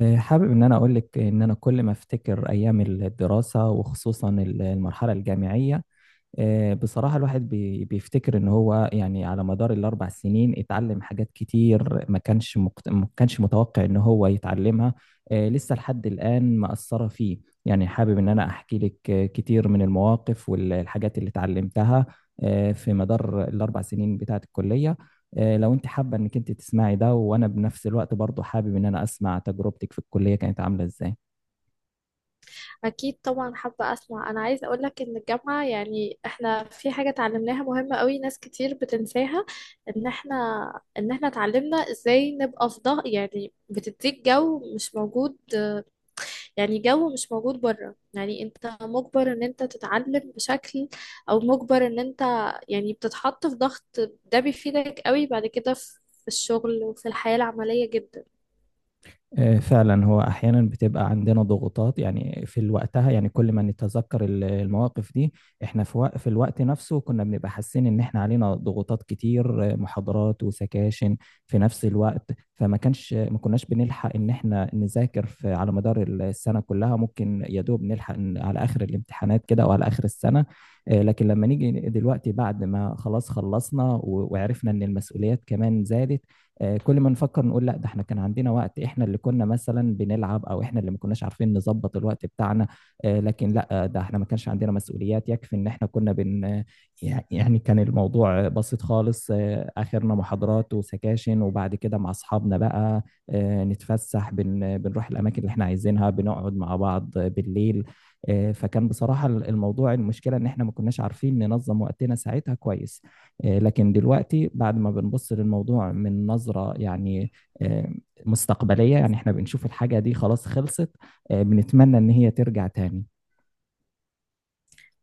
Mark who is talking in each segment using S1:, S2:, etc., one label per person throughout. S1: حابب ان انا اقول لك ان انا كل ما افتكر ايام الدراسه وخصوصا المرحله الجامعيه. بصراحة الواحد بيفتكر إن هو يعني على مدار الأربع سنين اتعلم حاجات كتير ما كانش متوقع إن هو يتعلمها. لسه لحد الآن مأثرة فيه. يعني حابب إن أنا أحكي لك كتير من المواقف والحاجات اللي اتعلمتها في مدار الأربع سنين بتاعة الكلية. لو أنت حابة إنك أنت تسمعي ده، وأنا بنفس الوقت برضه حابب إن أنا أسمع تجربتك في الكلية كانت عاملة إزاي.
S2: أكيد طبعا حابة أسمع. أنا عايزة أقولك إن الجامعة، يعني إحنا في حاجة اتعلمناها مهمة قوي ناس كتير بتنساها. إن إحنا إن إحنا اتعلمنا إزاي نبقى في ضغط، يعني بتديك جو مش موجود، يعني جو مش موجود بره، يعني أنت مجبر إن أنت تتعلم بشكل، أو مجبر إن أنت، يعني بتتحط في ضغط. ده بيفيدك قوي بعد كده في الشغل وفي الحياة العملية جدا.
S1: فعلا هو احيانا بتبقى عندنا ضغوطات، يعني في الوقتها يعني كل ما نتذكر المواقف دي. احنا في في الوقت نفسه كنا بنبقى حاسين ان احنا علينا ضغوطات كتير، محاضرات وسكاشن في نفس الوقت، فما كانش ما كناش بنلحق ان احنا نذاكر في على مدار السنة كلها، ممكن يا دوب نلحق إن على اخر الامتحانات كده او على اخر السنة. لكن لما نيجي دلوقتي بعد ما خلاص خلصنا وعرفنا ان المسؤوليات كمان زادت، كل ما نفكر نقول لا، ده احنا كان عندنا وقت، احنا اللي كنا مثلا بنلعب او احنا اللي ما كناش عارفين نظبط الوقت بتاعنا. لكن لا، ده احنا ما كانش عندنا مسؤوليات يكفي ان احنا كنا بن آه، يعني كان الموضوع بسيط خالص، اخرنا محاضرات وسكاشن وبعد كده مع اصحابنا بقى، نتفسح بنروح الاماكن اللي احنا عايزينها، بنقعد مع بعض بالليل. فكان بصراحة الموضوع المشكلة ان احنا ما كناش عارفين ننظم وقتنا ساعتها كويس. لكن دلوقتي بعد ما بنبص للموضوع من نظرة يعني آه، مستقبلية، يعني احنا بنشوف الحاجة دي خلاص خلصت، بنتمنى ان هي ترجع تاني.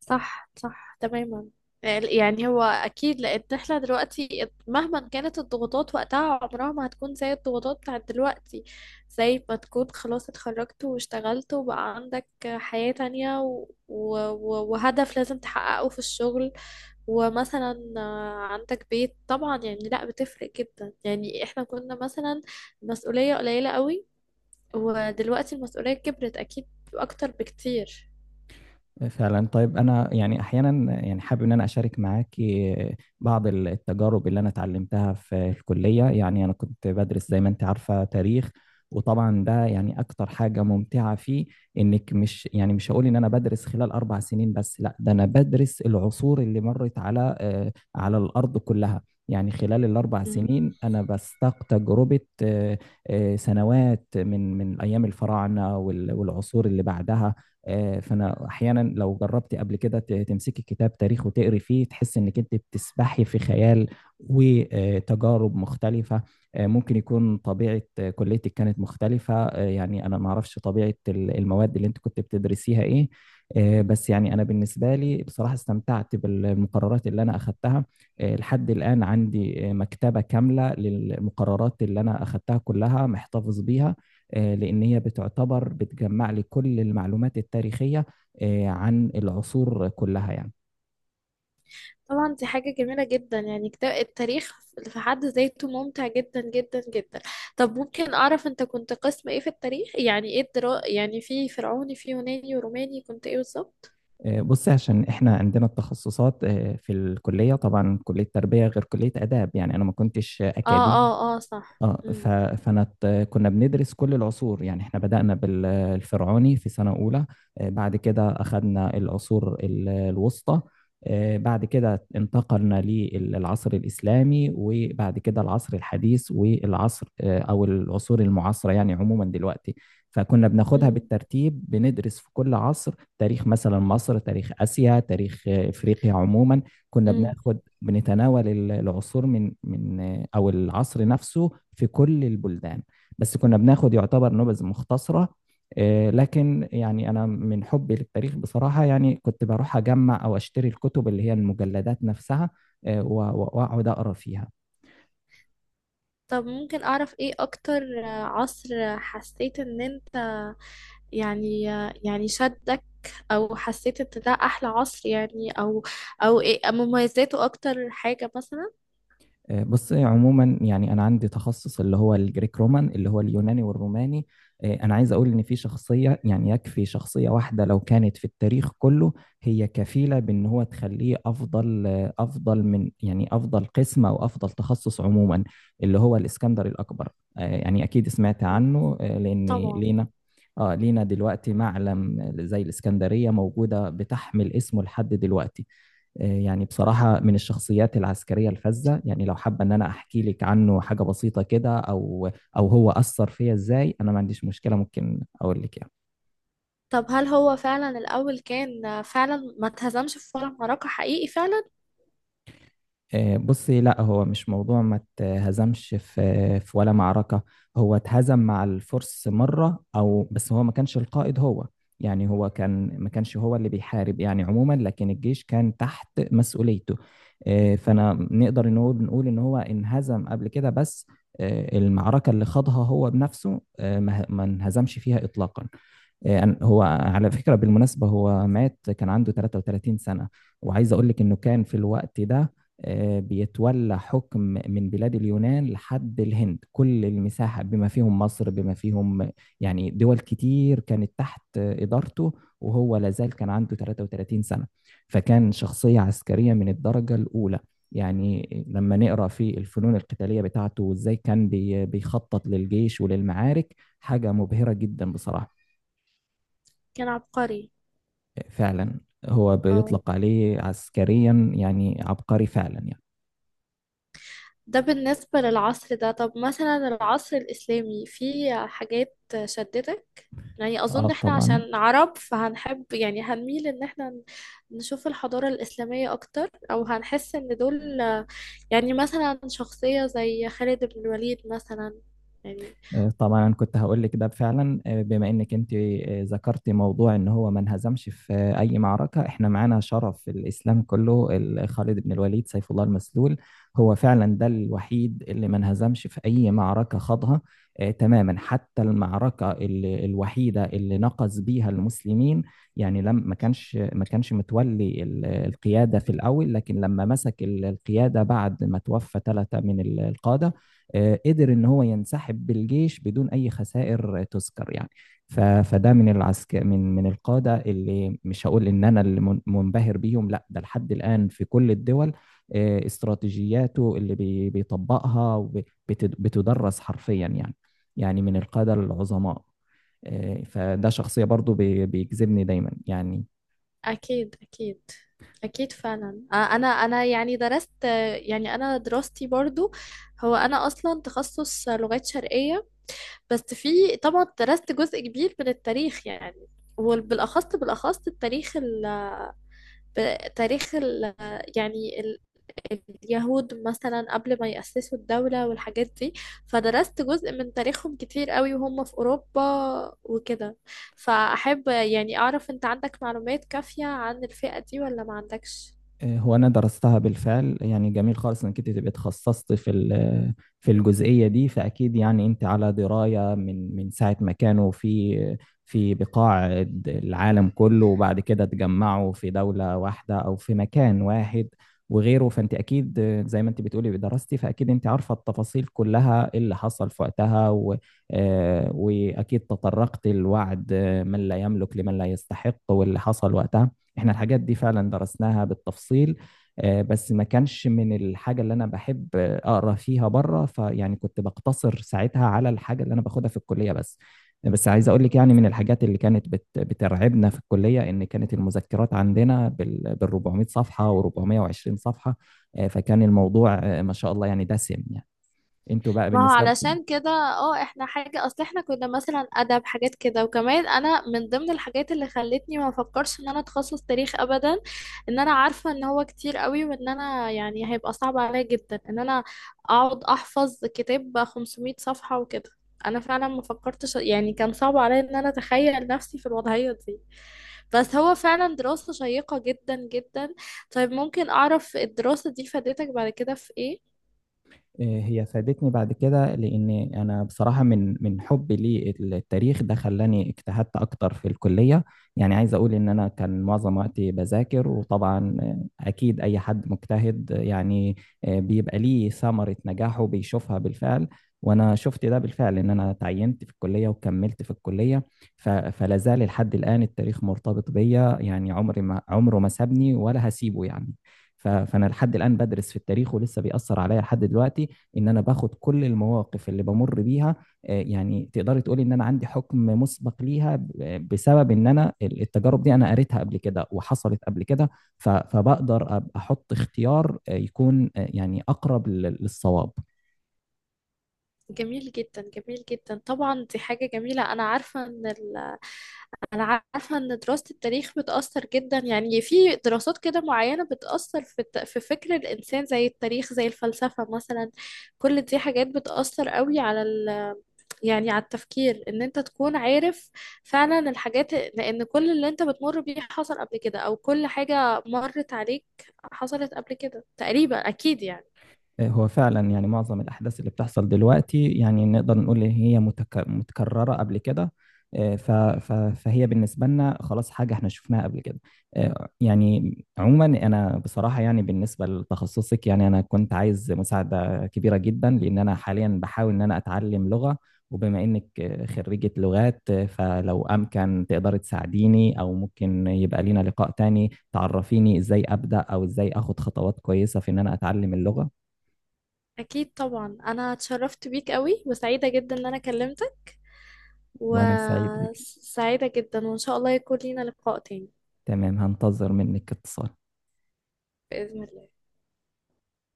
S2: صح صح تماما. يعني هو اكيد لان احنا دلوقتي مهما كانت الضغوطات وقتها عمرها ما هتكون زي الضغوطات بتاعت دلوقتي. زي ما تكون خلاص اتخرجت واشتغلت وبقى عندك حياة تانية، و... و... وهدف لازم تحققه في الشغل. ومثلا عندك بيت طبعا، يعني لا بتفرق جدا. يعني احنا كنا مثلا مسؤولية قليلة قوي، ودلوقتي المسؤولية كبرت اكيد، اكتر بكتير.
S1: فعلا، طيب انا يعني احيانا يعني حابب ان انا اشارك معاك بعض التجارب اللي انا اتعلمتها في الكليه. يعني انا كنت بدرس زي ما انت عارفه تاريخ، وطبعا ده يعني اكتر حاجه ممتعه فيه انك مش يعني مش هقول ان انا بدرس خلال اربع سنين بس، لا ده انا بدرس العصور اللي مرت على على الارض كلها. يعني خلال الاربع سنين انا بستاق تجربه سنوات من ايام الفراعنه والعصور اللي بعدها. فانا احيانا لو جربت قبل كده تمسكي كتاب تاريخ وتقري فيه تحس انك انت بتسبحي في خيال وتجارب مختلفه. ممكن يكون طبيعه كليتك كانت مختلفه، يعني انا ما اعرفش طبيعه المواد اللي انت كنت بتدرسيها ايه. بس يعني انا بالنسبه لي بصراحه استمتعت بالمقررات اللي انا اخذتها. لحد الان عندي مكتبه كامله للمقررات اللي انا اخذتها كلها محتفظ بيها، لأن هي بتعتبر بتجمع لي كل المعلومات التاريخية عن العصور كلها يعني.
S2: طبعا دي حاجة جميلة جدا يعني. كتاب التاريخ في حد ذاته ممتع جدا جدا جدا. طب ممكن أعرف أنت كنت قسم إيه في التاريخ؟ يعني إيه الدرا، يعني في فرعوني، في يوناني وروماني، كنت إيه بالظبط؟
S1: بص، عشان احنا عندنا التخصصات في الكليه، طبعا كليه تربيه غير كليه اداب، يعني انا ما كنتش
S2: آه
S1: اكاديمي.
S2: آه آه صح.
S1: اه
S2: أم،
S1: فانا كنا بندرس كل العصور، يعني احنا بدأنا بالفرعوني في سنة أولى، بعد كده أخذنا العصور الوسطى، بعد كده انتقلنا للعصر الإسلامي، وبعد كده العصر الحديث والعصر أو العصور المعاصرة يعني عموما دلوقتي. فكنا بناخدها
S2: أم،
S1: بالترتيب، بندرس في كل عصر تاريخ مثلا مصر، تاريخ آسيا، تاريخ إفريقيا عموما، كنا
S2: أم.
S1: بناخد بنتناول العصور من او العصر نفسه في كل البلدان، بس كنا بناخد يعتبر نبذ مختصرة. لكن يعني انا من حبي للتاريخ بصراحة يعني كنت بروح اجمع او اشتري الكتب اللي هي المجلدات نفسها واقعد اقرا فيها.
S2: طب ممكن أعرف إيه أكتر عصر حسيت إن أنت، يعني، يعني شدك، أو حسيت إن ده أحلى عصر، يعني، أو أو إيه مميزاته أكتر حاجة مثلا؟
S1: بص عموما، يعني انا عندي تخصص اللي هو الجريك رومان، اللي هو اليوناني والروماني. انا عايز اقول ان في شخصيه، يعني يكفي شخصيه واحده لو كانت في التاريخ كله هي كفيله بان هو تخليه افضل، افضل من، يعني افضل قسم او افضل تخصص عموما، اللي هو الاسكندر الاكبر. يعني اكيد سمعت عنه، لان
S2: طبعا.
S1: لينا، اه لينا دلوقتي معلم زي الاسكندريه موجوده بتحمل اسمه لحد دلوقتي. يعني بصراحة من الشخصيات العسكرية الفذة، يعني لو حابة إن أنا أحكي لك عنه حاجة بسيطة كده، أو أو هو أثر فيا إزاي، أنا ما عنديش مشكلة ممكن أقول لك يعني.
S2: طب هل هو فعلا الأول كان فعلا ما اتهزمش في ولا معركة؟ حقيقي فعلا؟
S1: بصي، لا هو مش موضوع ما اتهزمش في في ولا معركة. هو اتهزم مع الفرس مرة او بس هو ما كانش القائد هو، يعني هو كان ما كانش هو اللي بيحارب يعني عموما، لكن الجيش كان تحت مسؤوليته. فانا نقدر ان هو بنقول ان هو انهزم قبل كده، بس المعركة اللي خاضها هو بنفسه ما انهزمش فيها اطلاقا. هو على فكرة بالمناسبة هو مات كان عنده 33 سنة، وعايز أقول لك إنه كان في الوقت ده بيتولى حكم من بلاد اليونان لحد الهند، كل المساحة بما فيهم مصر، بما فيهم يعني دول كتير كانت تحت إدارته، وهو لازال كان عنده 33 سنة. فكان شخصية عسكرية من الدرجة الأولى، يعني لما نقرأ في الفنون القتالية بتاعته وإزاي كان بيخطط للجيش وللمعارك حاجة مبهرة جدا بصراحة.
S2: كان عبقري.
S1: فعلا، هو
S2: اه.
S1: بيطلق عليه عسكريا يعني عبقري فعلا يعني.
S2: ده بالنسبة للعصر ده، طب مثلا العصر الإسلامي فيه حاجات شدتك؟ يعني
S1: اه،
S2: أظن إحنا
S1: طبعا.
S2: عشان عرب فهنحب، يعني هنميل إن إحنا نشوف الحضارة الإسلامية أكتر، أو هنحس إن دول يعني مثلا شخصية زي خالد بن الوليد مثلا يعني.
S1: طبعا كنت هقول لك ده فعلا، بما انك انت ذكرتي موضوع ان هو ما انهزمش في اي معركه، احنا معانا شرف الاسلام كله خالد بن الوليد سيف الله المسلول، هو فعلا ده الوحيد اللي ما انهزمش في اي معركه خاضها. تماما، حتى المعركه الوحيده اللي نقص بيها المسلمين، يعني لم ما كانش متولي القياده في الاول، لكن لما مسك القياده بعد ما توفى ثلاثه من القاده قدر ان هو ينسحب بالجيش بدون اي خسائر تذكر يعني. فده من العسكر، من القاده اللي مش هقول ان انا اللي منبهر بيهم، لا ده لحد الان في كل الدول استراتيجياته اللي بيطبقها وب- بتد- بتدرس حرفيا يعني، يعني من القاده العظماء. فده شخصية برضو بيجذبني دايما يعني.
S2: أكيد أكيد. أكيد فعلا. أنا يعني درست، يعني أنا دراستي برضو، هو أنا أصلا تخصص لغات شرقية. بس في طبعا درست جزء كبير من التاريخ يعني، وبالأخص بالأخص التاريخ ال... تاريخ ال... يعني اليهود مثلا قبل ما يأسسوا الدولة والحاجات دي. فدرست جزء من تاريخهم كتير قوي، وهم في أوروبا وكده. فأحب يعني أعرف أنت عندك معلومات كافية عن الفئة دي ولا ما عندكش؟
S1: هو انا درستها بالفعل، يعني جميل خالص انك انت تبقي اتخصصت في في الجزئيه دي، فاكيد يعني انت على درايه من ساعه ما كانوا في في بقاع العالم كله، وبعد كده اتجمعوا في دوله واحده او في مكان واحد وغيره. فانت اكيد زي ما انت بتقولي دراستي، فاكيد انت عارفه التفاصيل كلها اللي حصل في وقتها، و واكيد تطرقت لوعد من لا يملك لمن لا يستحق واللي حصل وقتها. احنا الحاجات دي فعلا درسناها بالتفصيل، بس ما كانش من الحاجة اللي أنا بحب أقرأ فيها بره، فيعني كنت بقتصر ساعتها على الحاجة اللي أنا باخدها في الكلية بس. بس عايز أقول لك يعني من الحاجات اللي كانت بترعبنا في الكلية إن كانت المذكرات عندنا بال 400 صفحة و420 صفحة. فكان الموضوع ما شاء الله يعني دسم يعني، انتوا بقى
S2: ما هو
S1: بالنسبة
S2: علشان كده اه، احنا حاجة، اصل احنا كنا مثلا ادب حاجات كده، وكمان انا من ضمن الحاجات اللي خلتني ما افكرش ان انا اتخصص تاريخ ابدا، ان انا عارفة ان هو كتير قوي، وان انا يعني هيبقى صعب عليا جدا ان انا اقعد احفظ كتاب 500 صفحة وكده. انا فعلا ما فكرتش، يعني كان صعب عليا ان انا اتخيل نفسي في الوضعية دي. بس هو فعلا دراسة شيقة جدا جدا. طيب ممكن اعرف الدراسة دي فادتك بعد كده في ايه؟
S1: إيه، هي فادتني بعد كده لأن أنا بصراحة من حبي للتاريخ ده خلاني اجتهدت أكتر في الكلية. يعني عايز أقول إن أنا كان معظم وقتي بذاكر، وطبعا أكيد أي حد مجتهد يعني بيبقى ليه ثمرة نجاحه بيشوفها بالفعل، وأنا شفت ده بالفعل إن أنا تعينت في الكلية وكملت في الكلية. فلا زال لحد الآن التاريخ مرتبط بيا، يعني عمري ما عمره ما سابني ولا هسيبه يعني. فأنا لحد الآن بدرس في التاريخ ولسه بيأثر عليا لحد دلوقتي، ان انا باخد كل المواقف اللي بمر بيها. يعني تقدري تقولي ان انا عندي حكم مسبق ليها بسبب ان انا التجارب دي انا قريتها قبل كده وحصلت قبل كده. ف احط اختيار يكون يعني اقرب للصواب.
S2: جميل جدا جميل جدا. طبعا دي حاجة جميلة. أنا عارفة إن ال... أنا عارفة إن دراسة التاريخ بتأثر جدا، يعني في دراسات كده معينة بتأثر في الت... في فكر الإنسان، زي التاريخ زي الفلسفة مثلا، كل دي حاجات بتأثر قوي على ال... يعني على التفكير، إن أنت تكون عارف فعلا الحاجات، لأن كل اللي أنت بتمر بيه حصل قبل كده، أو كل حاجة مرت عليك حصلت قبل كده تقريبا أكيد يعني.
S1: هو فعلا يعني معظم الأحداث اللي بتحصل دلوقتي يعني نقدر نقول إن هي متكررة قبل كده. فهي بالنسبة لنا خلاص حاجة احنا شفناها قبل كده. يعني عموما أنا بصراحة يعني بالنسبة لتخصصك، يعني أنا كنت عايز مساعدة كبيرة جدا، لأن أنا حاليا بحاول إن أنا أتعلم لغة، وبما إنك خريجة لغات فلو أمكن تقدري تساعديني، أو ممكن يبقى لينا لقاء تاني تعرفيني إزاي أبدأ أو إزاي أخد خطوات كويسة في إن أنا أتعلم اللغة.
S2: أكيد طبعا. أنا اتشرفت بيك قوي، وسعيدة جدا إن أنا كلمتك،
S1: وأنا سعيد بك.
S2: وسعيدة جدا، وإن شاء الله يكون لينا لقاء تاني.
S1: تمام، هنتظر منك اتصال.
S2: بإذن الله.